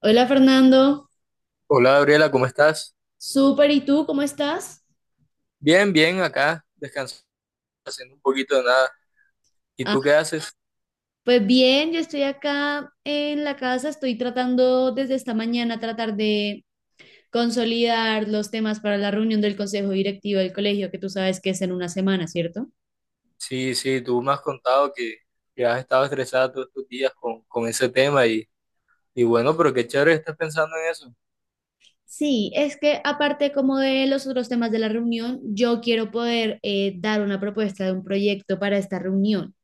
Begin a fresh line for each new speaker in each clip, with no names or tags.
Hola Fernando,
Hola Gabriela, ¿cómo estás?
súper, ¿y tú cómo estás?
Bien, bien, acá descansando, haciendo un poquito de nada. ¿Y
Ah,
tú qué haces?
pues bien, yo estoy acá en la casa, estoy tratando desde esta mañana tratar de consolidar los temas para la reunión del consejo directivo del colegio, que tú sabes que es en una semana, ¿cierto?
Sí, sí, tú me has contado que has estado estresada todos estos días con ese tema y bueno, pero qué chévere estás pensando en eso.
Sí, es que aparte como de los otros temas de la reunión, yo quiero poder dar una propuesta de un proyecto para esta reunión.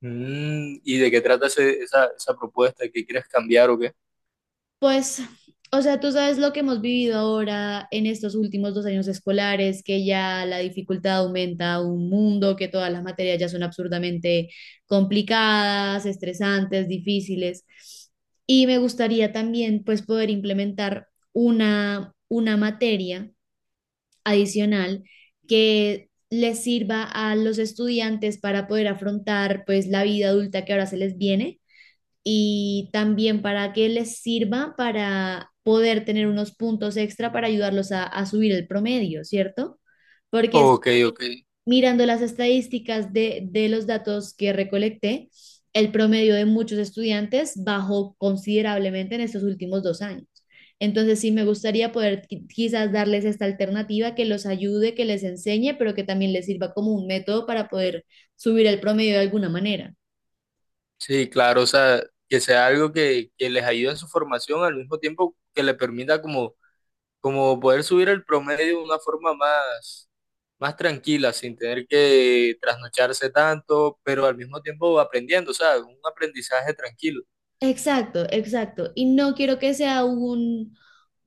Mm, ¿y de qué trata esa propuesta? ¿Qué quieres cambiar o qué?
Pues, o sea, tú sabes lo que hemos vivido ahora en estos últimos dos años escolares, que ya la dificultad aumenta un mundo, que todas las materias ya son absurdamente complicadas, estresantes, difíciles. Y me gustaría también, pues, poder implementar una materia adicional que les sirva a los estudiantes para poder afrontar, pues, la vida adulta que ahora se les viene y también para que les sirva para poder tener unos puntos extra para ayudarlos a subir el promedio, ¿cierto? Porque es-
Ok, ok.
Mirando las estadísticas de los datos que recolecté, el promedio de muchos estudiantes bajó considerablemente en estos últimos dos años. Entonces, sí, me gustaría poder quizás darles esta alternativa que los ayude, que les enseñe, pero que también les sirva como un método para poder subir el promedio de alguna manera.
Sí, claro, o sea, que sea algo que les ayude en su formación al mismo tiempo que le permita como como poder subir el promedio de una forma más, más tranquila, sin tener que trasnocharse tanto, pero al mismo tiempo aprendiendo, o sea, un aprendizaje tranquilo.
Exacto, exacto. Y no quiero que sea un,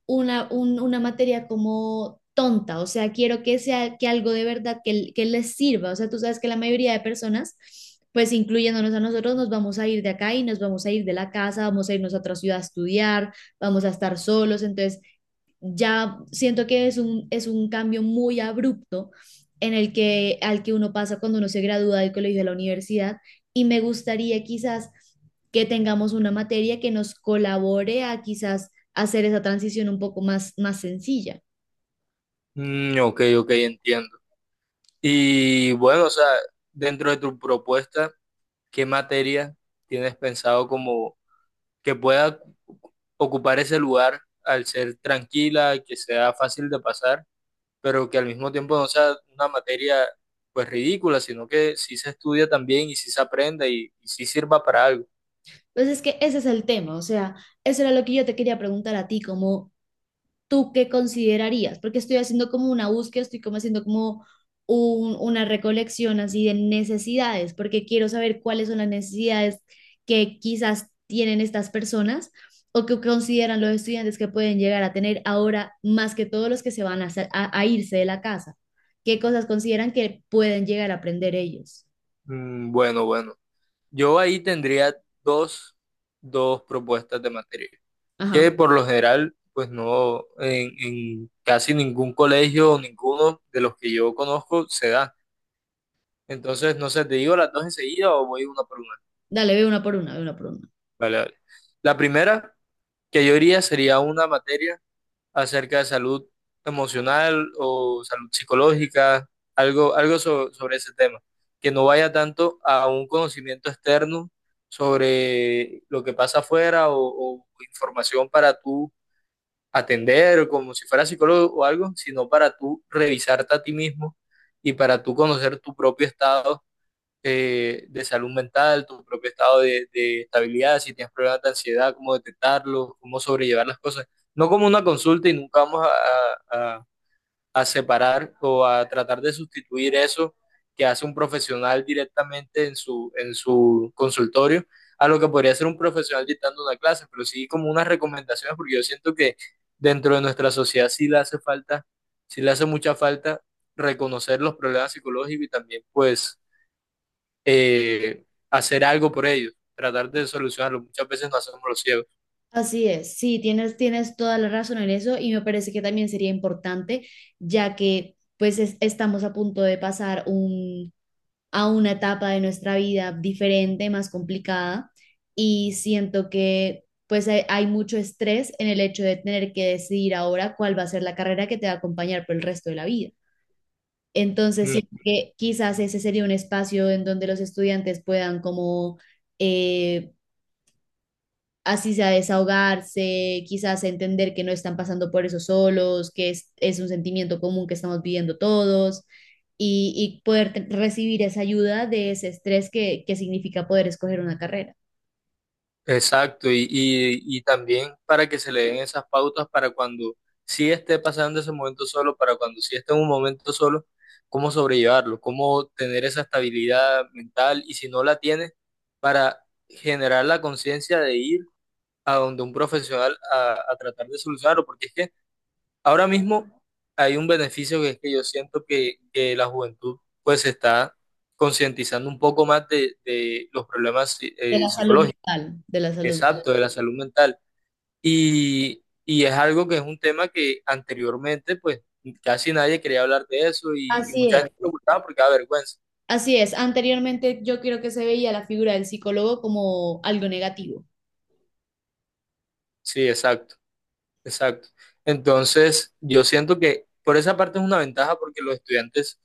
una, un- una materia como tonta, o sea, quiero que sea que algo de verdad que les sirva. O sea, tú sabes que la mayoría de personas, pues incluyéndonos a nosotros, nos vamos a ir de acá y nos vamos a ir de la casa, vamos a irnos a otra ciudad a estudiar, vamos a estar solos. Entonces, ya siento que es un cambio muy abrupto al que uno pasa cuando uno se gradúa del colegio a la universidad y me gustaría quizás que tengamos una materia que nos colabore a quizás hacer esa transición un poco más, más sencilla.
Mm, ok, ok, entiendo. Y bueno, o sea, dentro de tu propuesta, ¿qué materia tienes pensado como que pueda ocupar ese lugar al ser tranquila, que sea fácil de pasar? Pero que al mismo tiempo no sea una materia pues ridícula, sino que sí se estudia también y sí se aprenda y sí sirva para algo.
Entonces es que ese es el tema, o sea, eso era lo que yo te quería preguntar a ti, como ¿tú qué considerarías? Porque estoy haciendo como una búsqueda, estoy como haciendo como una recolección así de necesidades, porque quiero saber cuáles son las necesidades que quizás tienen estas personas o que consideran los estudiantes que pueden llegar a tener ahora más que todos los que se van a irse de la casa. ¿Qué cosas consideran que pueden llegar a aprender ellos?
Mm, bueno, bueno. Yo ahí tendría dos, dos propuestas de materia,
Ajá.
que por lo general pues no, en casi ningún colegio o ninguno de los que yo conozco se da. Entonces, no sé, ¿te digo las dos enseguida o voy una por una?
Dale, ve una por una, ve una por una.
Vale, vale. La primera que yo iría sería una materia acerca de salud emocional o salud psicológica, algo, sobre ese tema, que no vaya tanto a un conocimiento externo sobre lo que pasa afuera o información para tú atender como si fuera psicólogo o algo, sino para tú revisarte a ti mismo y para tú conocer tu propio estado de salud mental, tu propio estado de estabilidad, si tienes problemas de ansiedad, cómo detectarlo, cómo sobrellevar las cosas. No como una consulta y nunca vamos a, a separar o a tratar de sustituir eso que hace un profesional directamente en su consultorio a lo que podría ser un profesional dictando una clase, pero sí como unas recomendaciones, porque yo siento que dentro de nuestra sociedad sí le hace falta, sí le hace mucha falta reconocer los problemas psicológicos y también pues eh, hacer algo por ellos, tratar de solucionarlo. Muchas veces no hacemos los ciegos.
Así es, sí, tienes toda la razón en eso y me parece que también sería importante, ya que pues estamos a punto de pasar a una etapa de nuestra vida diferente, más complicada, y siento que pues hay mucho estrés en el hecho de tener que decidir ahora cuál va a ser la carrera que te va a acompañar por el resto de la vida. Entonces, siento
Mm.
que quizás ese sería un espacio en donde los estudiantes puedan como… eh, así sea desahogarse, quizás entender que no están pasando por eso solos, es un sentimiento común que estamos viviendo todos y poder recibir esa ayuda de ese estrés que significa poder escoger una carrera,
Exacto, y también para que se le den esas pautas para cuando sí esté pasando ese momento solo, para cuando sí esté en un momento solo, cómo sobrellevarlo, cómo tener esa estabilidad mental y si no la tiene, para generar la conciencia de ir a donde un profesional a tratar de solucionarlo, porque es que ahora mismo hay un beneficio que es que yo siento que la juventud pues se está concientizando un poco más de los problemas
de la salud
psicológicos,
mental, de la salud.
exacto, de la salud mental. Y es algo que es un tema que anteriormente pues casi nadie quería hablar de eso y
Así
mucha
es.
gente lo ocultaba porque da vergüenza.
Así es, anteriormente yo creo que se veía la figura del psicólogo como algo negativo.
Sí, exacto, exacto. Entonces yo siento que por esa parte es una ventaja porque los estudiantes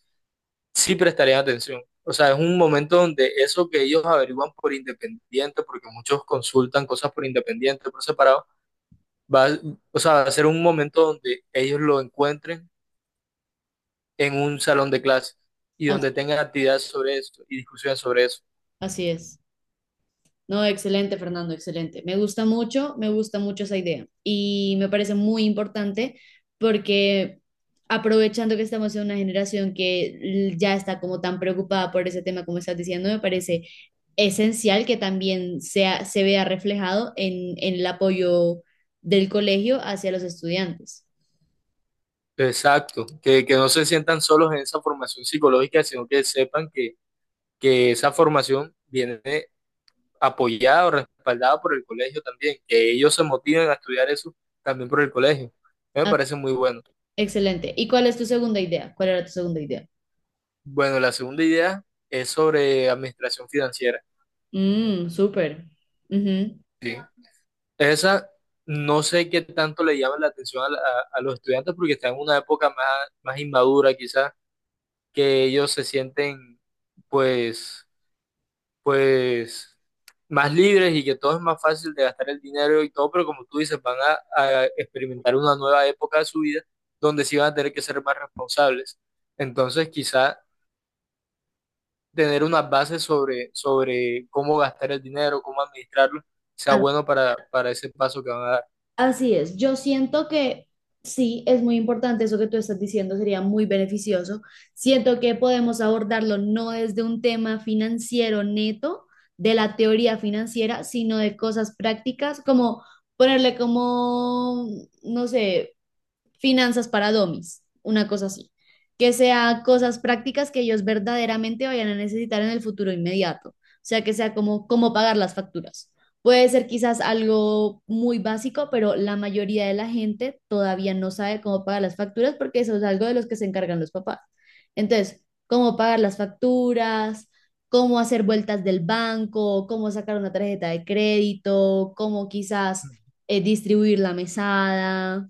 sí prestarían atención. O sea, es un momento donde eso que ellos averiguan por independiente, porque muchos consultan cosas por independiente, por separado, va, a- o sea, va a ser un momento donde ellos lo encuentren en un salón de clase y
As-
donde tengan actividades sobre eso y discusiones sobre eso.
Así es. No, excelente, Fernando, excelente. Me gusta mucho esa idea y me parece muy importante porque aprovechando que estamos en una generación que ya está como tan preocupada por ese tema como estás diciendo, me parece esencial que también se vea reflejado en el apoyo del colegio hacia los estudiantes.
Exacto, que no se sientan solos en esa formación psicológica, sino que sepan que esa formación viene apoyada o respaldada por el colegio también, que ellos se motiven a estudiar eso también por el colegio. Me
Ah,
parece muy bueno.
excelente. ¿Y cuál es tu segunda idea? ¿Cuál era tu segunda idea?
Bueno, la segunda idea es sobre administración financiera.
Mm, súper. Ujú.
Sí. Esa no sé qué tanto le llama la atención a los estudiantes porque están en una época más, más inmadura quizás, que ellos se sienten pues, pues más libres y que todo es más fácil de gastar el dinero y todo, pero como tú dices, van a experimentar una nueva época de su vida donde sí van a tener que ser más responsables. Entonces, quizás tener unas bases sobre, sobre cómo gastar el dinero, cómo administrarlo, sea bueno para ese paso que van a dar.
Así es, yo siento que sí, es muy importante eso que tú estás diciendo, sería muy beneficioso. Siento que podemos abordarlo no desde un tema financiero neto, de la teoría financiera, sino de cosas prácticas, como ponerle como, no sé, finanzas para domis, una cosa así, que sea cosas prácticas que ellos verdaderamente vayan a necesitar en el futuro inmediato, o sea, que sea como cómo pagar las facturas. Puede ser quizás algo muy básico, pero la mayoría de la gente todavía no sabe cómo pagar las facturas porque eso es algo de los que se encargan los papás. Entonces, cómo pagar las facturas, cómo hacer vueltas del banco, cómo sacar una tarjeta de crédito, cómo quizás distribuir la mesada,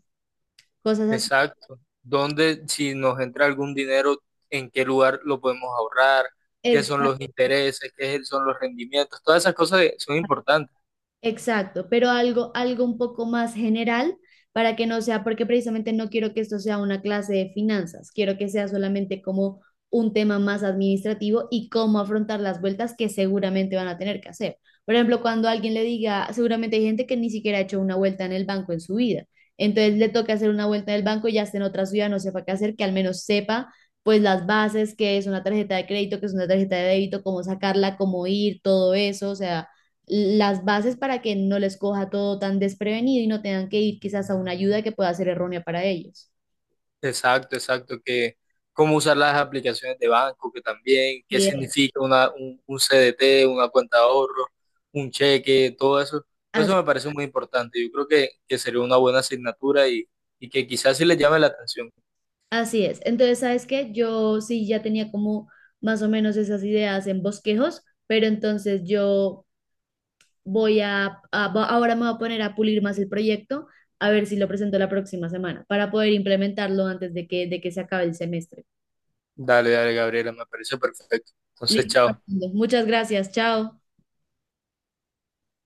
cosas así.
Exacto. ¿Dónde, si nos entra algún dinero, en qué lugar lo podemos ahorrar? ¿Qué son
Exacto,
los intereses? ¿Qué son los rendimientos? Todas esas cosas son importantes.
exacto, pero algo, algo un poco más general para que no sea, porque precisamente no quiero que esto sea una clase de finanzas, quiero que sea solamente como un tema más administrativo y cómo afrontar las vueltas que seguramente van a tener que hacer. Por ejemplo, cuando alguien le diga, seguramente hay gente que ni siquiera ha hecho una vuelta en el banco en su vida, entonces le toca hacer una vuelta en el banco y ya esté en otra ciudad, no sepa qué hacer, que al menos sepa pues las bases, qué es una tarjeta de crédito, qué es una tarjeta de débito, cómo sacarla, cómo ir, todo eso, o sea las bases para que no les coja todo tan desprevenido y no tengan que ir quizás a una ayuda que pueda ser errónea para ellos.
Exacto, exacto, que cómo usar las aplicaciones de banco, que también, qué
Bien.
significa una, un CDT, una cuenta de ahorro, un cheque, todo eso. Todo
As-
eso me parece muy importante. Yo creo que sería una buena asignatura y que quizás sí les llame la atención.
Así es. Entonces, ¿sabes qué? Yo sí ya tenía como más o menos esas ideas en bosquejos, pero entonces yo voy ahora me voy a poner a pulir más el proyecto, a ver si lo presento la próxima semana, para poder implementarlo antes de que se acabe el semestre.
Dale, dale, Gabriela, me parece perfecto. Entonces,
Listo,
chao.
Fernando. Muchas gracias. Chao.